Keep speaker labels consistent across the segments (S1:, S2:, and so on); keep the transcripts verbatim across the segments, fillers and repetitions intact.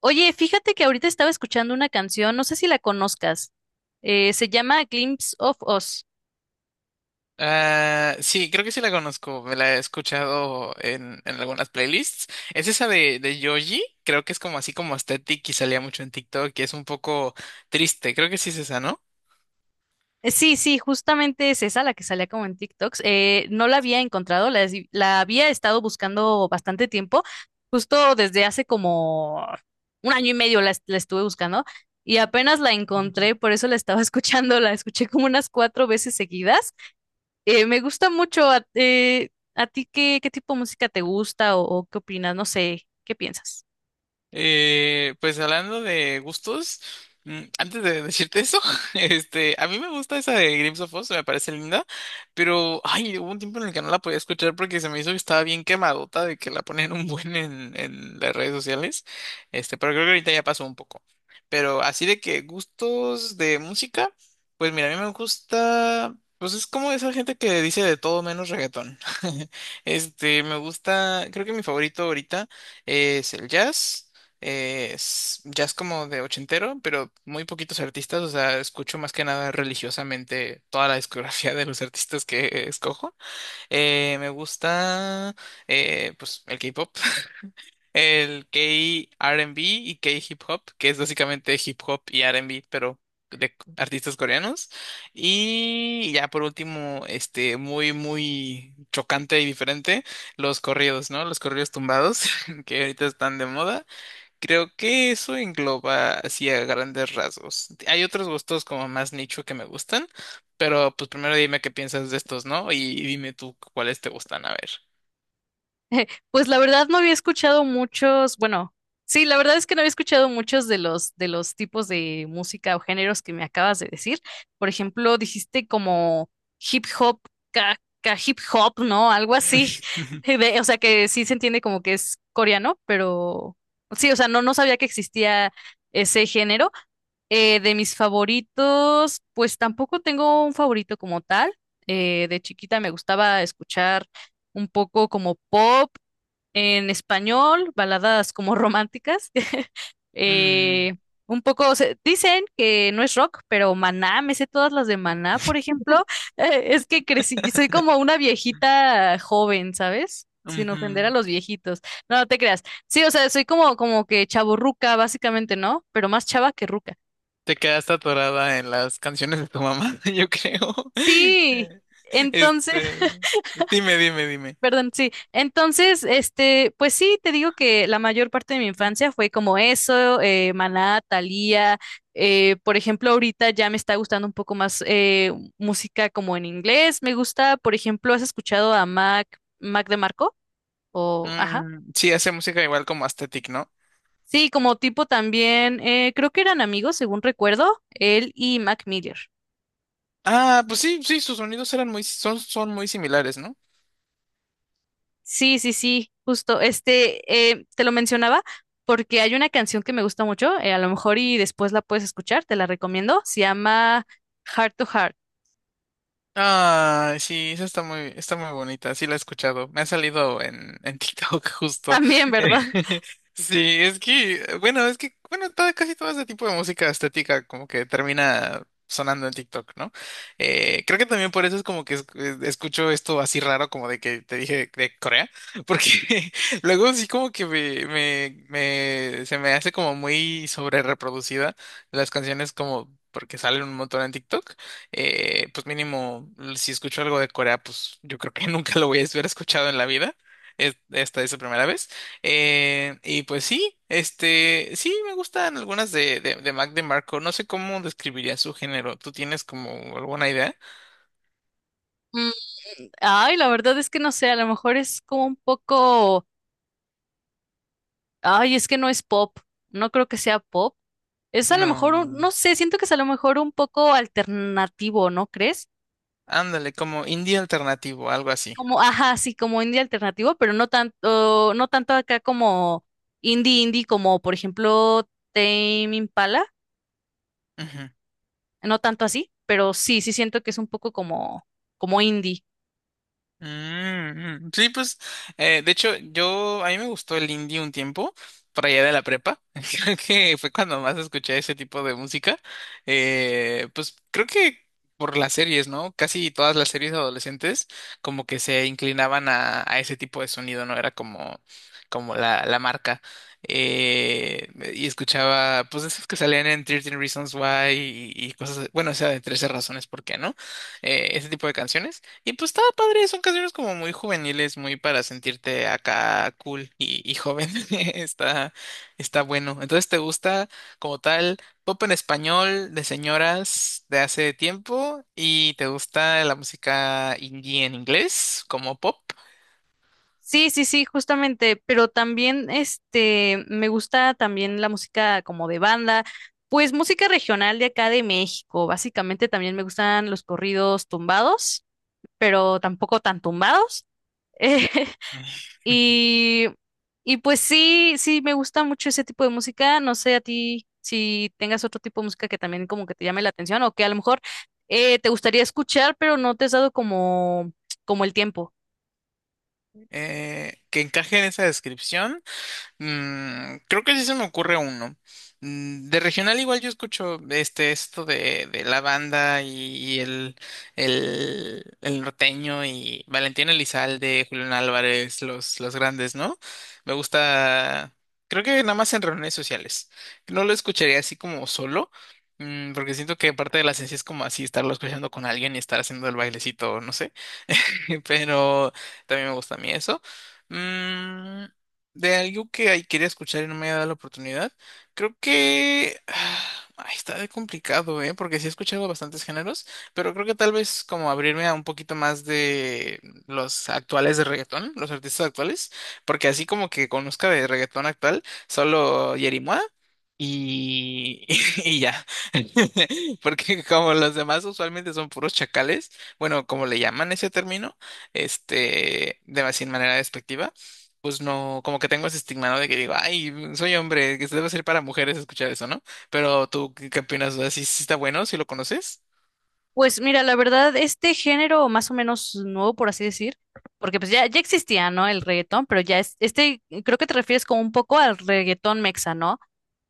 S1: Oye, fíjate que ahorita estaba escuchando una canción, no sé si la conozcas. Eh, se llama Glimpse of Us.
S2: Ah, sí, creo que sí la conozco. Me la he escuchado en, en algunas playlists. Es esa de, de Yoji. Creo que es como así como aesthetic y salía mucho en TikTok y es un poco triste. Creo que sí es esa, ¿no?
S1: Eh, sí, sí, justamente es esa la que salía como en TikToks. Eh, no la había encontrado, la, es- la había estado buscando bastante tiempo, justo desde hace como un año y medio la, est- la estuve buscando y apenas la encontré, por eso la estaba escuchando, la escuché como unas cuatro veces seguidas. Eh, me gusta mucho. ¿A, eh, ¿a ti qué, qué tipo de música te gusta o o qué opinas? No sé, ¿qué piensas?
S2: Eh, pues hablando de gustos, mm, antes de decirte eso, este, a mí me gusta esa de Grips of Oz, me parece linda, pero ay, hubo un tiempo en el que no la podía escuchar porque se me hizo que estaba bien quemadota de que la ponían un buen en, en las redes sociales, este, pero creo que ahorita ya pasó un poco. Pero así de que gustos de música, pues mira, a mí me gusta, pues es como esa gente que dice de todo menos reggaetón. Este, me gusta, creo que mi favorito ahorita es el jazz. Eh, es jazz como de ochentero, pero muy poquitos artistas, o sea, escucho más que nada religiosamente toda la discografía de los artistas que escojo. Eh, me gusta, eh, pues, el K-pop, el K-R and B y K-hip hop, que es básicamente hip hop y R and B, pero de artistas coreanos. Y ya por último, este, muy, muy chocante y diferente, los corridos, ¿no? Los corridos tumbados, que ahorita están de moda. Creo que eso engloba así a grandes rasgos. Hay otros gustos como más nicho que me gustan, pero pues primero dime qué piensas de estos, ¿no? Y dime tú cuáles te gustan, a ver.
S1: Pues la verdad no había escuchado muchos, bueno, sí, la verdad es que no había escuchado muchos de los de los tipos de música o géneros que me acabas de decir. Por ejemplo, dijiste como hip hop, ca, ca- hip hop, ¿no? Algo así. De- o sea que sí se entiende como que es coreano, pero sí, o sea, no, no sabía que existía ese género. Eh, de mis favoritos, pues tampoco tengo un favorito como tal. Eh, de chiquita me gustaba escuchar un poco como pop en español, baladas como románticas.
S2: Mm,
S1: Eh, un poco, se- dicen que no es rock, pero Maná, me sé todas las de Maná, por ejemplo. Eh, es que crecí, soy como una viejita joven, ¿sabes? Sin ofender a
S2: ujú.
S1: los viejitos. No, no te creas. Sí, o sea, soy como, como que chavorruca, básicamente, ¿no? Pero más chava que ruca.
S2: Te quedaste atorada en las canciones de tu mamá, yo creo.
S1: Sí, entonces.
S2: Este, dime, dime, dime.
S1: Perdón, sí. Entonces, este, pues sí, te digo que la mayor parte de mi infancia fue como eso, eh, Maná, Thalía, eh, por ejemplo, ahorita ya me está gustando un poco más eh, música como en inglés. Me gusta, por ejemplo, ¿has escuchado a Mac, Mac Demarco? O, ajá.
S2: Mm, sí, hace música igual como Aesthetic, ¿no?
S1: Sí, como tipo también, eh, creo que eran amigos, según recuerdo, él y Mac Miller.
S2: Ah, pues sí, sí, sus sonidos eran muy, son, son muy similares, ¿no?
S1: Sí, sí, sí, justo. Este, eh, te lo mencionaba porque hay una canción que me gusta mucho, eh, a lo mejor y después la puedes escuchar, te la recomiendo. Se llama Heart to Heart.
S2: Ah, sí, esa está muy, está muy bonita, sí la he escuchado. Me ha salido en, en TikTok justo.
S1: También,
S2: Eh,
S1: ¿verdad?
S2: Sí, es que, bueno, es que, bueno, todo- casi todo ese tipo de música estética como que termina sonando en TikTok, ¿no? Eh, creo que también por eso es como que es- escucho esto así raro como de que te dije de Corea, porque luego sí como que me, me, me- se me hace como muy sobre reproducida las canciones como porque salen un montón en TikTok. Eh, pues mínimo, si escucho algo de Corea, pues yo creo que nunca lo voy a haber escuchado en la vida. Es- Esta es la primera vez. Eh, y pues sí, este, sí me gustan algunas de, de, de Mac DeMarco. No sé cómo describiría su género. ¿Tú tienes como alguna idea?
S1: Mm, ay, la verdad es que no sé, a lo mejor es como un poco, ay, es que no es pop. No creo que sea pop. Es a lo mejor, un-
S2: No.
S1: no sé, siento que es a lo mejor un poco alternativo, ¿no crees?
S2: Ándale, como indie alternativo, algo así.
S1: Como, ajá, sí, como indie alternativo, pero no tanto, no tanto acá como indie indie, como por ejemplo Tame Impala, no tanto así, pero sí, sí siento que es un poco como, como indie.
S2: Mm, mm. Sí, pues, eh, de hecho, yo, a mí me gustó el indie un tiempo, por allá de la prepa. Creo que fue cuando más escuché ese tipo de música. Eh, pues creo que por las series, ¿no? Casi todas las series adolescentes como que se inclinaban a, a ese tipo de sonido, ¿no? Era como, como la, la marca. Eh, y escuchaba, pues, esos que salían en trece Reasons Why y, y cosas, bueno, o sea, de trece razones por qué, ¿no? Eh, ese tipo de canciones. Y pues estaba padre, son canciones como muy juveniles, muy para sentirte acá cool y, y joven. Está, está bueno. Entonces, ¿te gusta como tal pop en español de señoras de hace tiempo? ¿Y te gusta la música indie en inglés como pop?
S1: Sí, sí, sí, justamente, pero también este, me gusta también la música como de banda, pues música regional de acá de México, básicamente también me gustan los corridos tumbados, pero tampoco tan tumbados. Y, y pues sí, sí, me gusta mucho ese tipo de música. No sé a ti si tengas otro tipo de música que también como que te llame la atención o que a lo mejor eh, te gustaría escuchar, pero no te has dado como, como el tiempo.
S2: Eh, que encaje en esa descripción. Mm, creo que sí se me ocurre uno. Mm, de regional igual yo escucho este esto de, de la banda y, y el, el, el norteño y Valentín Elizalde, Julián Álvarez, los, los grandes, ¿no? Me gusta, creo que nada más en reuniones sociales. No lo escucharía así como solo, mm, porque siento que parte de la esencia es como así estarlo escuchando con alguien y estar haciendo el bailecito, no sé. Pero también me gusta a mí eso. Mm, de algo que ahí quería escuchar y no me había dado la oportunidad. Creo que ah, está de complicado, ¿eh? Porque sí he escuchado bastantes géneros, pero creo que tal vez como abrirme a un poquito más de los actuales de reggaetón, los artistas actuales, porque así como que conozca de reggaetón actual, solo Yerimoa y, y ya. Porque como los demás usualmente son puros chacales, bueno, como le llaman ese término, este, de sin manera despectiva pues no, como que tengo ese estigma, ¿no? De que digo, ay, soy hombre, que se debe ser para mujeres escuchar eso, ¿no? Pero tú, ¿qué, qué opinas? O sea, ¿sí, sí está bueno? ¿Si lo conoces?
S1: Pues mira, la verdad, este género más o menos nuevo, por así decir, porque pues ya, ya existía, ¿no? El reggaetón, pero ya es, este, creo que te refieres como un poco al reggaetón mexa, ¿no?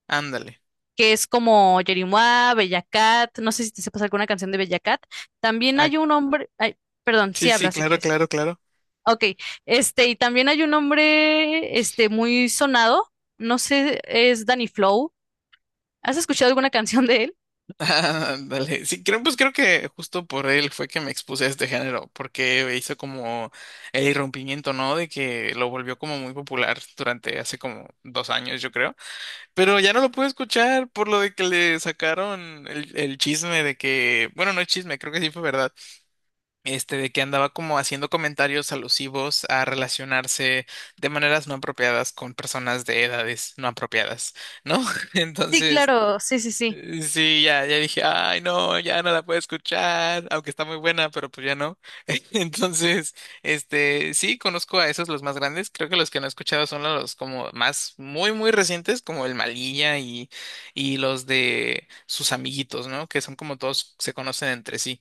S2: Ándale.
S1: Que es como Yerimua, Bella Cat, no sé si te sepas alguna canción de Bella Cat. También
S2: Ah,
S1: hay un hombre, ay, perdón, sí
S2: sí, sí,
S1: habla si
S2: claro,
S1: quieres.
S2: claro, claro.
S1: Ok, este, y también hay un hombre, este, muy sonado, no sé, es Danny Flow. ¿Has escuchado alguna canción de él?
S2: Ándale. Sí, creo, pues creo que justo por él fue que me expuse a este género, porque hizo como el irrumpimiento, ¿no? De que lo volvió como muy popular durante hace como dos años, yo creo. Pero ya no lo pude escuchar por lo de que le sacaron el, el chisme de que, bueno, no es chisme, creo que sí fue verdad. Este, de que andaba como haciendo comentarios alusivos a relacionarse de maneras no apropiadas con personas de edades no apropiadas, ¿no?
S1: Sí,
S2: Entonces,
S1: claro, sí, sí, sí.
S2: eh, sí, ya, ya dije, ay, no, ya no la puedo escuchar, aunque está muy buena, pero pues ya no. Entonces, este, sí, conozco a esos los más grandes, creo que los que no he escuchado son los como más muy, muy recientes, como el Malilla y, y los de sus amiguitos, ¿no? Que son como todos se conocen entre sí.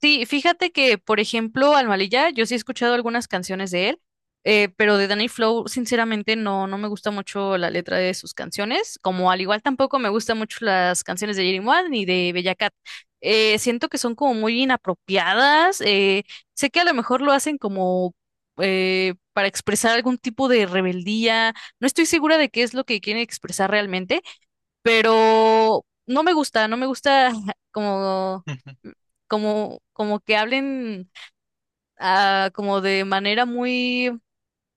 S1: Sí, fíjate que, por ejemplo, Almalilla, yo sí he escuchado algunas canciones de él, eh, pero de Danny Flow, sinceramente, no, no me gusta mucho la letra de sus canciones, como al igual tampoco me gustan mucho las canciones de Jerry One ni de Bella Cat. Eh, siento que son como muy inapropiadas. Eh, sé que a lo mejor lo hacen como eh, para expresar algún tipo de rebeldía. No estoy segura de qué es lo que quieren expresar realmente, pero no me gusta, no me gusta como, como, como que hablen ah, como de manera muy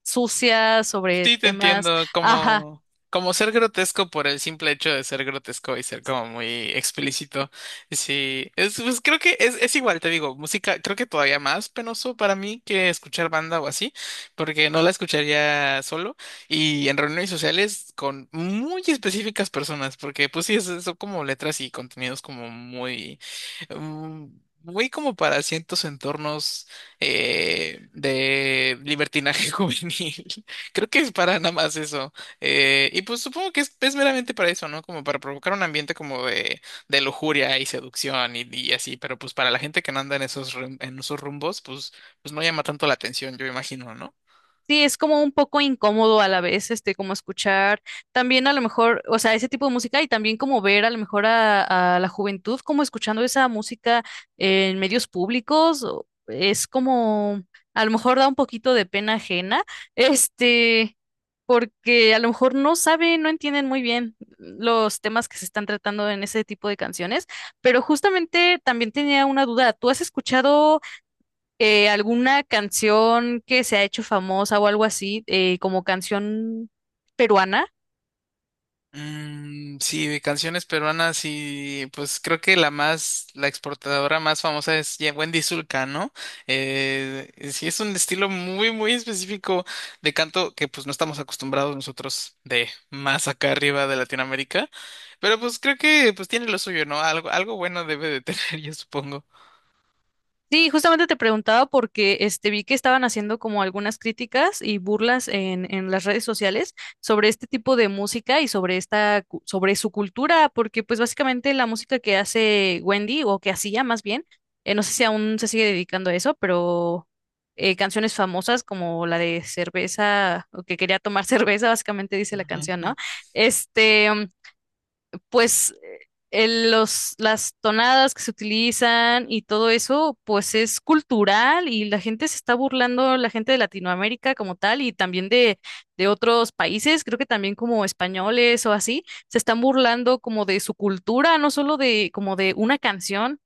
S1: sucia sobre
S2: Sí, te
S1: temas,
S2: entiendo,
S1: ajá.
S2: como, como ser grotesco por el simple hecho de ser grotesco y ser como muy explícito. Sí, es, pues creo que es, es igual, te digo, música, creo que todavía más penoso para mí que escuchar banda o así, porque no la escucharía solo y en reuniones sociales con muy específicas personas, porque pues sí, es- son como letras y contenidos como muy, mm, muy como para ciertos entornos. Eh, de libertinaje juvenil. Creo que es para nada más eso. Eh, y pues supongo que es, es meramente para eso, ¿no? Como para provocar un ambiente como de, de lujuria y seducción y, y así. Pero pues para la gente que no anda en esos, rum- en esos rumbos, pues, pues no llama tanto la atención, yo imagino, ¿no?
S1: Sí, es como un poco incómodo a la vez, este, como escuchar también a lo mejor, o sea, ese tipo de música y también como ver a lo mejor a, a la juventud como escuchando esa música en medios públicos, o- es como, a lo mejor da un poquito de pena ajena, este, porque a lo mejor no saben, no entienden muy bien los temas que se están tratando en ese tipo de canciones, pero justamente también tenía una duda. ¿Tú has escuchado eh, alguna canción que se ha hecho famosa o algo así, eh, como canción peruana?
S2: Mm, sí, de canciones peruanas y pues creo que la más, la exportadora más famosa es ya Wendy Zulka, ¿no? Eh, sí, es un estilo muy, muy específico de canto que pues no estamos acostumbrados nosotros de más acá arriba de Latinoamérica, pero pues creo que pues tiene lo suyo, ¿no? Algo, algo bueno debe de tener, yo supongo.
S1: Sí, justamente te preguntaba porque este vi que estaban haciendo como algunas críticas y burlas en, en las redes sociales sobre este tipo de música y sobre esta, cu- sobre su cultura, porque pues básicamente la música que hace Wendy, o que hacía más bien, eh, no sé si aún se sigue dedicando a eso, pero eh, canciones famosas como la de cerveza, o que quería tomar cerveza, básicamente dice la canción,
S2: Ujú.
S1: ¿no? Este, pues eh, el- los, las tonadas que se utilizan y todo eso, pues es cultural y la gente se está burlando, la gente de Latinoamérica como tal y también de, de otros países, creo que también como españoles o así, se están burlando como de su cultura, no solo de como de una canción.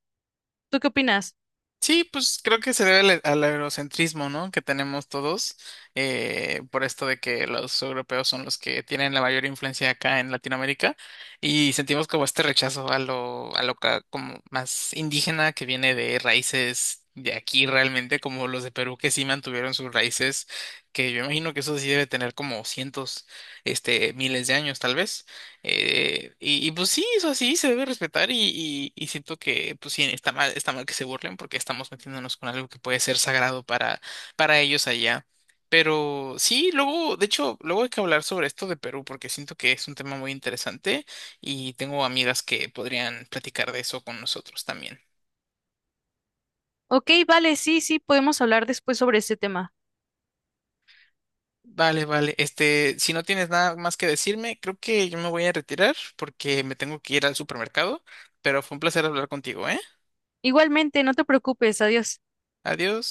S1: ¿Tú qué opinas?
S2: Sí, pues creo que se debe al, al eurocentrismo, ¿no? Que tenemos todos, eh, por esto de que los europeos son los que tienen la mayor influencia acá en Latinoamérica y sentimos como este rechazo a lo, a lo ca- como más indígena que viene de raíces de aquí realmente, como los de Perú que sí mantuvieron sus raíces, que yo imagino que eso sí debe tener como cientos, este, miles de años tal vez. Eh, y, y, pues sí, eso sí se debe respetar y, y- y siento que pues sí está mal, está mal que se burlen porque estamos metiéndonos con algo que puede ser sagrado para, para ellos allá. Pero sí, luego, de hecho, luego hay que hablar sobre esto de Perú porque siento que es un tema muy interesante y tengo amigas que podrían platicar de eso con nosotros también.
S1: Ok, vale, sí, sí, podemos hablar después sobre ese tema.
S2: Vale, vale. Este, si no tienes nada más que decirme, creo que yo me voy a retirar porque me tengo que ir al supermercado, pero fue un placer hablar contigo, ¿eh?
S1: Igualmente, no te preocupes, adiós.
S2: Adiós.